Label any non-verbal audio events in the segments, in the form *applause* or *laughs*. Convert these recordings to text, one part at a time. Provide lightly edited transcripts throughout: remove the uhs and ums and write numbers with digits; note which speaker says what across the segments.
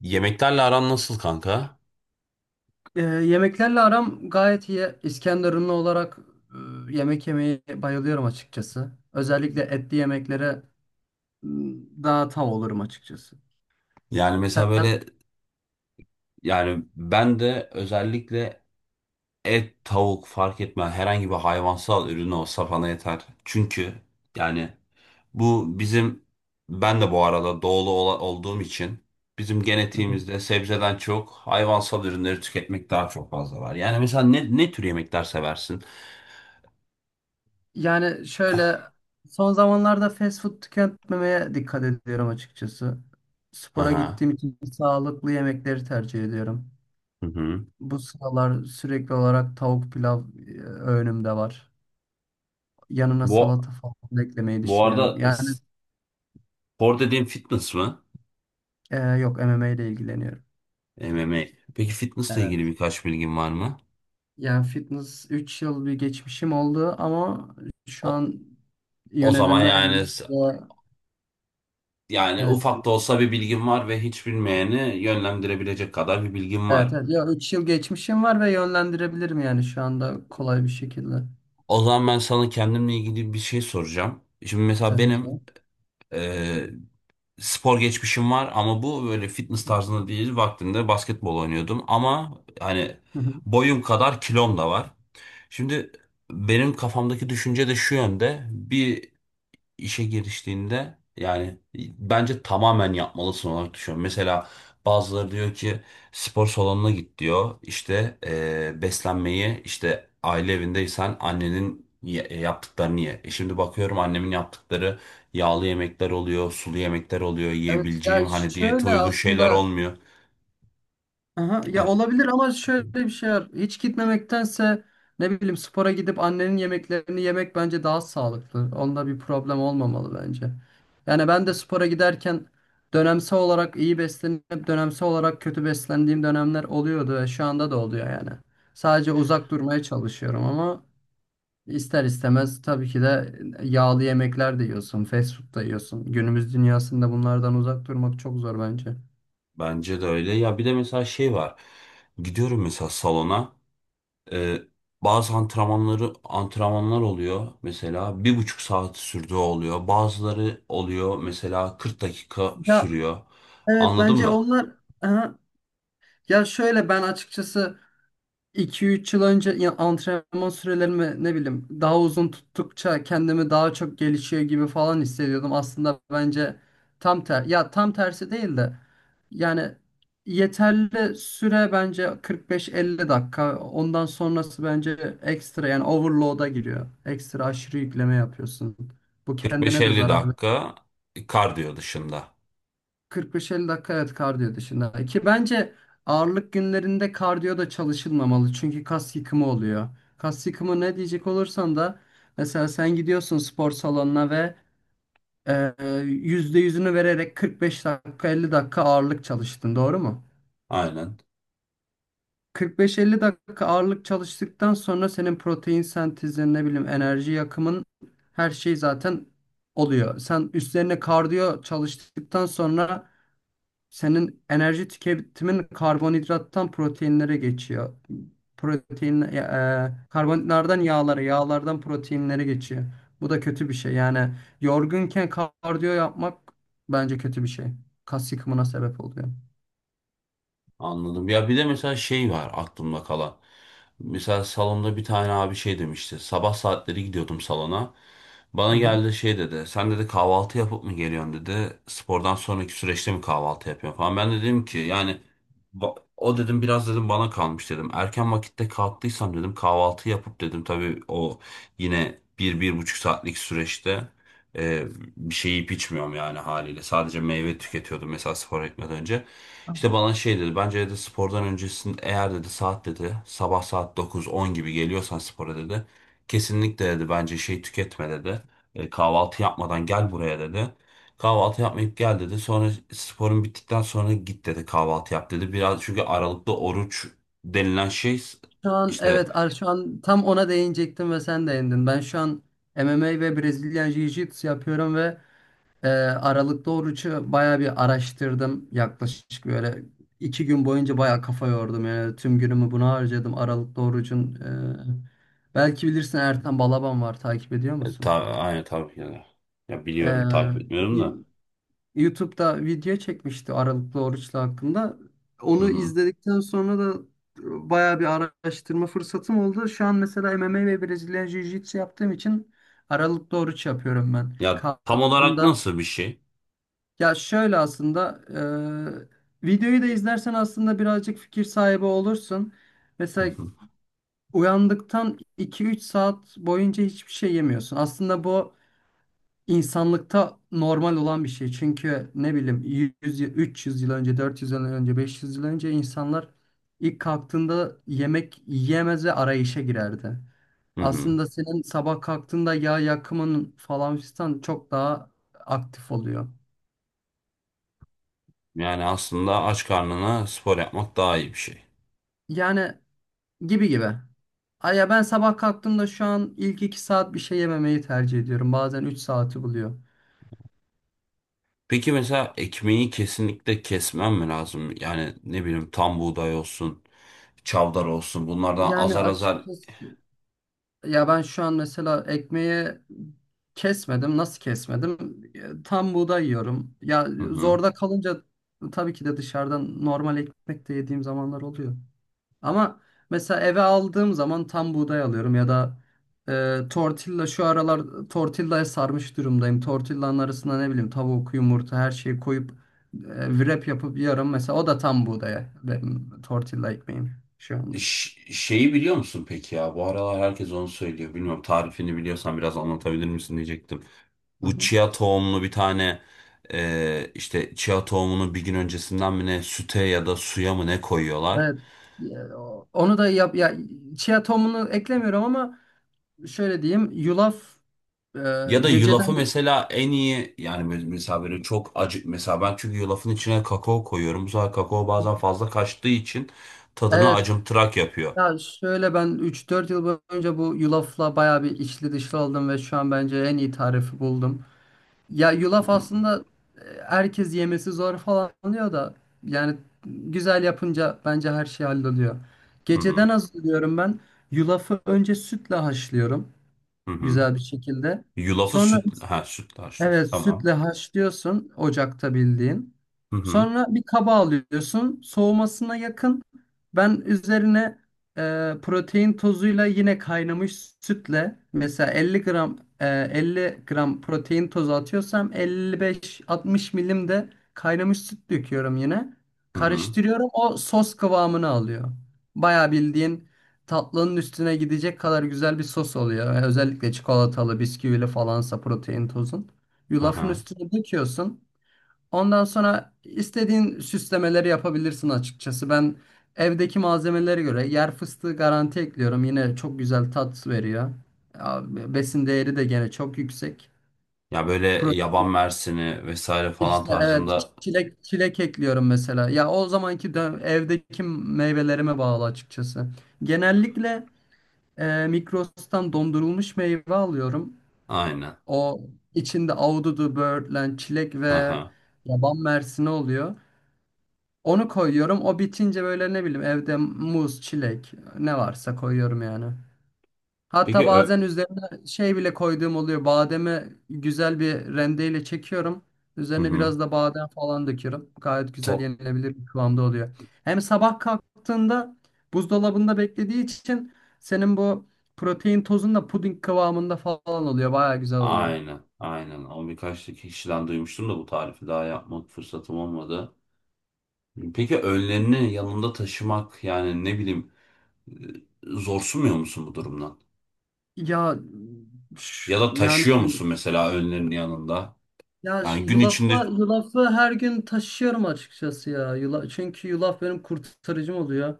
Speaker 1: Yemeklerle aran nasıl kanka?
Speaker 2: Yemeklerle aram gayet iyi. İskenderunlu olarak yemek yemeyi bayılıyorum açıkçası. Özellikle etli yemeklere m, daha tav olurum açıkçası.
Speaker 1: Yani
Speaker 2: Sen,
Speaker 1: mesela böyle. Yani ben de özellikle et, tavuk fark etmez, herhangi bir hayvansal ürün olsa bana yeter. Çünkü yani bu bizim ben de bu arada olduğum için bizim
Speaker 2: Hı hı.
Speaker 1: genetiğimizde sebzeden çok hayvansal ürünleri tüketmek daha çok fazla var. Yani mesela ne tür yemekler seversin?
Speaker 2: Yani şöyle son zamanlarda fast food tüketmemeye dikkat ediyorum açıkçası. Spora
Speaker 1: Aha.
Speaker 2: gittiğim için sağlıklı yemekleri tercih ediyorum.
Speaker 1: Hı hı.
Speaker 2: Bu sıralar sürekli olarak tavuk pilav önümde var. Yanına
Speaker 1: Bu,
Speaker 2: salata falan eklemeyi
Speaker 1: Bu
Speaker 2: düşünüyorum.
Speaker 1: arada
Speaker 2: Yani
Speaker 1: spor dediğin fitness mı?
Speaker 2: yok, MMA ile ilgileniyorum.
Speaker 1: MMA. Peki fitnessle ilgili birkaç bilgin var mı?
Speaker 2: Yani fitness 3 yıl bir geçmişim oldu ama şu
Speaker 1: O,
Speaker 2: an
Speaker 1: O zaman
Speaker 2: yönelimi elimde.
Speaker 1: yani
Speaker 2: Evet,
Speaker 1: ufak da olsa bir bilgim var ve hiç bilmeyeni yönlendirebilecek kadar bir bilgim
Speaker 2: evet,
Speaker 1: var.
Speaker 2: evet. Ya 3 yıl geçmişim var ve yönlendirebilirim yani şu anda kolay bir şekilde,
Speaker 1: O zaman ben sana kendimle ilgili bir şey soracağım. Şimdi mesela
Speaker 2: tabii
Speaker 1: benim
Speaker 2: ki.
Speaker 1: e, spor geçmişim var ama bu böyle fitness tarzında değil. Vaktinde basketbol oynuyordum ama hani
Speaker 2: Hı hı.
Speaker 1: boyum kadar kilom da var. Şimdi benim kafamdaki düşünce de şu yönde. Bir işe giriştiğinde yani bence tamamen yapmalısın olarak düşünüyorum. Mesela bazıları diyor ki spor salonuna git diyor. İşte beslenmeyi işte aile evindeysen yaptıklarını ye. E şimdi bakıyorum annemin yaptıkları yağlı yemekler oluyor, sulu yemekler oluyor,
Speaker 2: Evet ya,
Speaker 1: yiyebileceğim hani diyete
Speaker 2: şöyle
Speaker 1: uygun şeyler
Speaker 2: aslında,
Speaker 1: olmuyor.
Speaker 2: aha, ya
Speaker 1: Evet,
Speaker 2: olabilir ama şöyle bir şey var. Hiç gitmemektense ne bileyim spora gidip annenin yemeklerini yemek bence daha sağlıklı. Onda bir problem olmamalı bence. Yani ben de spora giderken dönemsel olarak iyi beslenip dönemsel olarak kötü beslendiğim dönemler oluyordu ve şu anda da oluyor yani. Sadece uzak durmaya çalışıyorum ama ister istemez tabii ki de yağlı yemekler de yiyorsun, fast food da yiyorsun. Günümüz dünyasında bunlardan uzak durmak çok zor bence.
Speaker 1: bence de öyle. Ya bir de mesela şey var. Gidiyorum mesela salona. Ee, bazı antrenmanlar oluyor, mesela bir buçuk saat sürdüğü oluyor. Bazıları oluyor mesela 40 dakika
Speaker 2: Ya
Speaker 1: sürüyor.
Speaker 2: evet,
Speaker 1: Anladın
Speaker 2: bence
Speaker 1: mı?
Speaker 2: onlar. Aha, ya şöyle ben açıkçası 2-3 yıl önce ya antrenman sürelerimi ne bileyim daha uzun tuttukça kendimi daha çok gelişiyor gibi falan hissediyordum. Aslında bence tam ter ya tam tersi değil de yani yeterli süre bence 45-50 dakika. Ondan sonrası bence ekstra, yani overload'a giriyor. Ekstra aşırı yükleme yapıyorsun. Bu kendine de
Speaker 1: 45-50
Speaker 2: zarar.
Speaker 1: dakika kardiyo dışında.
Speaker 2: 45-50 dakika, evet, kardiyo dışında. Ki bence ağırlık günlerinde kardiyo da çalışılmamalı. Çünkü kas yıkımı oluyor. Kas yıkımı ne diyecek olursan da, mesela sen gidiyorsun spor salonuna ve e, %100'ünü vererek 45 dakika 50 dakika ağırlık çalıştın, doğru mu?
Speaker 1: Aynen.
Speaker 2: 45-50 dakika ağırlık çalıştıktan sonra senin protein sentezin, ne bileyim, enerji yakımın, her şey zaten oluyor. Sen üstlerine kardiyo çalıştıktan sonra senin enerji tüketimin karbonhidrattan proteinlere geçiyor. Karbonhidratlardan yağlara, yağlardan proteinlere geçiyor. Bu da kötü bir şey. Yani yorgunken kardiyo yapmak bence kötü bir şey. Kas yıkımına sebep oluyor.
Speaker 1: Anladım. Ya bir de mesela şey var aklımda kalan. Mesela salonda bir tane abi şey demişti. Sabah saatleri gidiyordum salona.
Speaker 2: Hı
Speaker 1: Bana
Speaker 2: hı.
Speaker 1: geldi şey dedi. Sen dedi kahvaltı yapıp mı geliyorsun dedi. Spordan sonraki süreçte mi kahvaltı yapıyorsun falan. Ben de dedim ki yani o dedim biraz dedim bana kalmış dedim. Erken vakitte kalktıysam dedim kahvaltı yapıp dedim. Tabii o yine bir buçuk saatlik süreçte e, bir şey yiyip içmiyorum yani haliyle. Sadece meyve tüketiyordum mesela spor etmeden önce. İşte bana şey dedi. Bence dedi spordan öncesinde eğer dedi saat dedi sabah saat 9-10 gibi geliyorsan spora dedi. Kesinlikle dedi bence şey tüketme dedi. Kahvaltı yapmadan gel buraya dedi. Kahvaltı yapmayıp gel dedi. Sonra sporun bittikten sonra git dedi kahvaltı yap dedi. Biraz çünkü aralıklı oruç denilen şey
Speaker 2: Şu an,
Speaker 1: işte
Speaker 2: evet, ar- şu an tam ona değinecektim ve sen değindin. Ben şu an MMA ve Brezilya Jiu-Jitsu yapıyorum. Ve Aralıklı orucu bayağı bir araştırdım. Yaklaşık böyle 2 gün boyunca bayağı kafa yordum. Yani tüm günümü buna harcadım. Aralıklı orucun, belki bilirsin, Ertan Balaban var. Takip ediyor musun?
Speaker 1: aynı tabii yani. Ya
Speaker 2: Ee,
Speaker 1: biliyorum takip etmiyorum da.
Speaker 2: y- YouTube'da video çekmişti Aralıklı oruçla hakkında.
Speaker 1: Hı
Speaker 2: Onu
Speaker 1: hı.
Speaker 2: izledikten sonra da bayağı bir araştırma fırsatım oldu. Şu an mesela MMA ve Brezilya Jiu-Jitsu yaptığım için Aralıklı oruç yapıyorum ben.
Speaker 1: Ya tam olarak
Speaker 2: Kalktığımda,
Speaker 1: nasıl bir şey?
Speaker 2: ya şöyle aslında, videoyu da izlersen aslında birazcık fikir sahibi olursun.
Speaker 1: Hı
Speaker 2: Mesela
Speaker 1: hı.
Speaker 2: uyandıktan 2-3 saat boyunca hiçbir şey yemiyorsun. Aslında bu insanlıkta normal olan bir şey. Çünkü ne bileyim, 100, 300 yıl önce, 400 yıl önce, 500 yıl önce insanlar ilk kalktığında yemek yiyemez ve arayışa girerdi.
Speaker 1: Hı hı.
Speaker 2: Aslında senin sabah kalktığında yağ yakımın falan fistan çok daha aktif oluyor.
Speaker 1: Yani aslında aç karnına spor yapmak daha iyi bir şey.
Speaker 2: Yani gibi gibi. Ay ya, ben sabah kalktığımda şu an ilk 2 saat bir şey yememeyi tercih ediyorum. Bazen 3 saati buluyor.
Speaker 1: Peki mesela ekmeği kesinlikle kesmem mi lazım? Yani ne bileyim tam buğday olsun, çavdar olsun, bunlardan
Speaker 2: Yani
Speaker 1: azar azar.
Speaker 2: açıkçası ya, ben şu an mesela ekmeği kesmedim. Nasıl kesmedim? Tam buğday yiyorum. Ya
Speaker 1: Hı hı.
Speaker 2: zorda kalınca tabii ki de dışarıdan normal ekmek de yediğim zamanlar oluyor. Ama mesela eve aldığım zaman tam buğday alıyorum ya da tortilla, şu aralar tortillaya sarmış durumdayım. Tortillanın arasına ne bileyim tavuk, yumurta, her şeyi koyup wrap yapıp yiyorum. Mesela o da tam buğdaya, benim tortilla ekmeğim şu anda.
Speaker 1: Şeyi biliyor musun peki ya? Bu aralar herkes onu söylüyor. Bilmiyorum, tarifini biliyorsan biraz anlatabilir misin diyecektim.
Speaker 2: Hı
Speaker 1: Bu
Speaker 2: hı.
Speaker 1: chia tohumlu bir tane, işte chia tohumunu bir gün öncesinden mi ne, süte ya da suya mı ne koyuyorlar?
Speaker 2: Evet. Ya, onu da yap ya, chia tohumunu eklemiyorum ama şöyle diyeyim, yulaf, e,
Speaker 1: Ya da yulafı
Speaker 2: geceden,
Speaker 1: mesela en iyi mesela böyle çok acı, mesela ben çünkü yulafın içine kakao koyuyorum. Bu sefer kakao bazen fazla kaçtığı için tadını
Speaker 2: evet.
Speaker 1: acımtırak yapıyor.
Speaker 2: Ya şöyle ben 3-4 yıl boyunca bu yulafla bayağı bir içli dışlı oldum ve şu an bence en iyi tarifi buldum. Ya yulaf
Speaker 1: Hı
Speaker 2: aslında, herkes yemesi zor falan diyor da yani güzel yapınca bence her şey halloluyor.
Speaker 1: hı
Speaker 2: Geceden hazırlıyorum ben. Yulafı önce sütle haşlıyorum
Speaker 1: hı hı.
Speaker 2: güzel bir şekilde.
Speaker 1: Yulafı
Speaker 2: Sonra,
Speaker 1: süt ha sütlaç süt.
Speaker 2: evet,
Speaker 1: Tamam.
Speaker 2: sütle haşlıyorsun ocakta bildiğin.
Speaker 1: Hı hı
Speaker 2: Sonra bir kaba alıyorsun, soğumasına yakın. Ben üzerine protein tozuyla yine kaynamış sütle, mesela 50 gram, 50 gram protein tozu atıyorsam 55-60 milim de kaynamış süt döküyorum yine.
Speaker 1: hı hı.
Speaker 2: Karıştırıyorum, o sos kıvamını alıyor. Bayağı bildiğin tatlının üstüne gidecek kadar güzel bir sos oluyor. Özellikle çikolatalı, bisküvili falansa protein tozun.
Speaker 1: Hı
Speaker 2: Yulafın
Speaker 1: hı.
Speaker 2: üstüne döküyorsun. Ondan sonra istediğin süslemeleri yapabilirsin açıkçası. Ben evdeki malzemelere göre yer fıstığı garanti ekliyorum. Yine çok güzel tat veriyor. Ya, besin değeri de gene çok yüksek.
Speaker 1: Ya böyle yaban
Speaker 2: Protein
Speaker 1: mersini vesaire falan
Speaker 2: işte evet,
Speaker 1: tarzında.
Speaker 2: çilek çilek ekliyorum mesela. Ya o zamanki evdeki meyvelerime bağlı açıkçası. Genellikle Migros'tan dondurulmuş meyve alıyorum.
Speaker 1: Aynen.
Speaker 2: O içinde ahududu, böğürtlen, çilek
Speaker 1: Hı
Speaker 2: ve
Speaker 1: hı.
Speaker 2: yaban mersini oluyor. Onu koyuyorum. O bitince böyle ne bileyim evde muz, çilek ne varsa koyuyorum yani. Hatta
Speaker 1: Peki ö
Speaker 2: bazen üzerine şey bile koyduğum oluyor. Bademi güzel bir rendeyle çekiyorum.
Speaker 1: Hı
Speaker 2: Üzerine
Speaker 1: hı.
Speaker 2: biraz da badem falan döküyorum. Gayet güzel
Speaker 1: Top
Speaker 2: yenilebilir bir kıvamda oluyor. Hem sabah kalktığında buzdolabında beklediği için senin bu protein tozun da puding kıvamında falan oluyor. Baya güzel oluyor.
Speaker 1: aynen aynen. O birkaç kişiden duymuştum da bu tarifi daha yapmak fırsatım olmadı. Peki önlerini yanında taşımak, yani ne bileyim, e, zorsunmuyor musun bu durumdan?
Speaker 2: Ya
Speaker 1: Ya da
Speaker 2: yani.
Speaker 1: taşıyor musun mesela önlerini yanında?
Speaker 2: Ya şu
Speaker 1: Yani gün içinde.
Speaker 2: yulafla, yulafı her gün taşıyorum açıkçası ya. Çünkü yulaf benim kurtarıcım oluyor.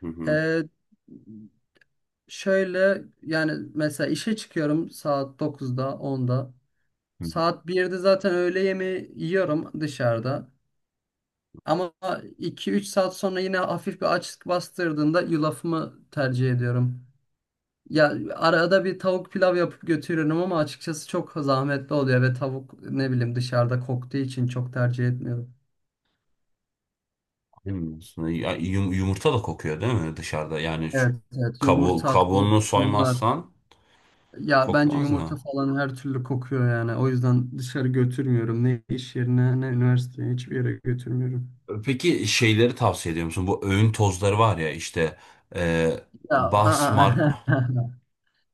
Speaker 1: Hı hı.
Speaker 2: Ee, Şöyle yani, mesela işe çıkıyorum saat 9'da, 10'da.
Speaker 1: Hı hı.
Speaker 2: Saat 1'de zaten öğle yemeği yiyorum dışarıda. Ama 2-3 saat sonra yine hafif bir açlık bastırdığında yulafımı tercih ediyorum. Ya arada bir tavuk pilav yapıp götürüyorum ama açıkçası çok zahmetli oluyor ve tavuk ne bileyim dışarıda koktuğu için çok tercih etmiyorum.
Speaker 1: Bilmiyorsun. Ya yumurta da kokuyor değil mi dışarıda? Yani şu
Speaker 2: Evet, evet. Yumurta, tavuk,
Speaker 1: kabuğunu
Speaker 2: bunlar.
Speaker 1: soymazsan
Speaker 2: Ya bence
Speaker 1: kokmaz
Speaker 2: yumurta
Speaker 1: da.
Speaker 2: falan her türlü kokuyor yani. O yüzden dışarı götürmüyorum. Ne iş yerine, ne üniversiteye, hiçbir yere götürmüyorum.
Speaker 1: Peki şeyleri tavsiye ediyor musun? Bu öğün tozları var ya işte, e,
Speaker 2: Ya, aa.
Speaker 1: basmar
Speaker 2: *laughs*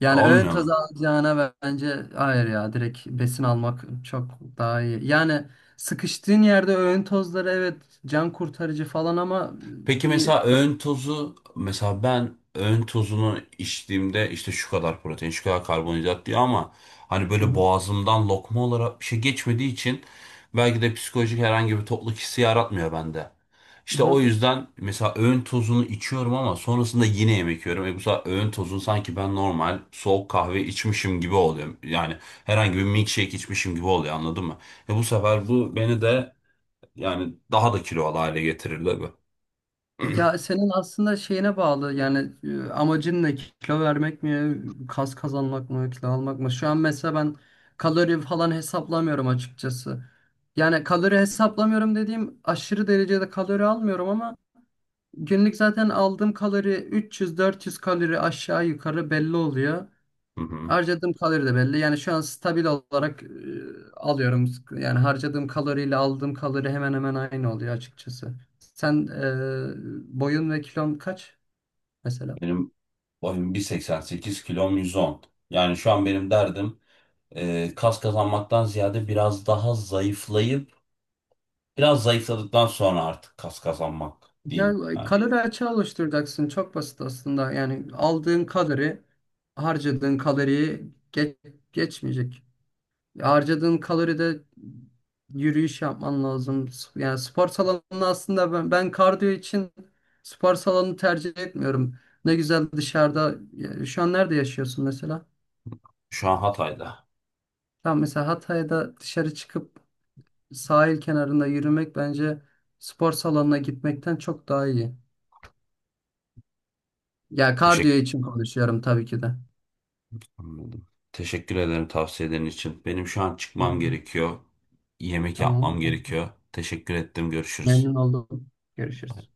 Speaker 2: Yani ön
Speaker 1: olmuyor
Speaker 2: taz
Speaker 1: mu?
Speaker 2: alacağına bence hayır ya. Direkt besin almak çok daha iyi. Yani sıkıştığın yerde öğün tozları, evet, can kurtarıcı falan ama
Speaker 1: Peki
Speaker 2: bir...
Speaker 1: mesela öğün tozu, mesela ben öğün tozunu içtiğimde işte şu kadar protein, şu kadar karbonhidrat diyor ama hani böyle
Speaker 2: Hı
Speaker 1: boğazımdan lokma olarak bir şey geçmediği için belki de psikolojik herhangi bir tokluk hissi yaratmıyor bende. İşte o
Speaker 2: hı.
Speaker 1: yüzden mesela öğün tozunu içiyorum ama sonrasında yine yemek yiyorum. E bu sefer öğün tozunu sanki ben normal soğuk kahve içmişim gibi oluyor. Yani herhangi bir milkshake içmişim gibi oluyor, anladın mı? E bu sefer bu beni de yani daha da kilolu hale getirir tabii.
Speaker 2: Ya senin aslında şeyine bağlı yani, amacın ne, kilo vermek mi, kas kazanmak mı, kilo almak mı? Şu an mesela ben kalori falan hesaplamıyorum açıkçası. Yani kalori hesaplamıyorum dediğim, aşırı derecede kalori almıyorum ama günlük zaten aldığım kalori 300-400 kalori aşağı yukarı belli oluyor.
Speaker 1: Hı hı.
Speaker 2: Harcadığım kalori de belli. Yani şu an stabil olarak alıyorum. Yani harcadığım kaloriyle aldığım kalori hemen hemen aynı oluyor açıkçası. Sen, boyun ve kilon kaç mesela?
Speaker 1: Benim boyum 1,88, kilom 110. Yani şu an benim derdim kas kazanmaktan ziyade biraz daha zayıflayıp, biraz zayıfladıktan sonra artık kas kazanmak
Speaker 2: Ya
Speaker 1: diyeyim. Yani
Speaker 2: kalori açığı oluşturacaksın. Çok basit aslında. Yani aldığın kalori harcadığın kaloriyi geçmeyecek. Harcadığın kaloride yürüyüş yapman lazım. Yani spor salonunda aslında ben kardiyo için spor salonu tercih etmiyorum. Ne güzel dışarıda. Ya, şu an nerede yaşıyorsun mesela?
Speaker 1: şu an Hatay'da.
Speaker 2: Tamam, mesela Hatay'da dışarı çıkıp sahil kenarında yürümek bence spor salonuna gitmekten çok daha iyi. Ya kardiyo
Speaker 1: Teşekkür
Speaker 2: için konuşuyorum tabii ki de.
Speaker 1: Anladım. Teşekkür ederim tavsiyelerin için. Benim şu an çıkmam
Speaker 2: Tamam.
Speaker 1: gerekiyor. Yemek
Speaker 2: Tamam.
Speaker 1: yapmam gerekiyor. Teşekkür ettim. Görüşürüz.
Speaker 2: Memnun oldum. Görüşürüz.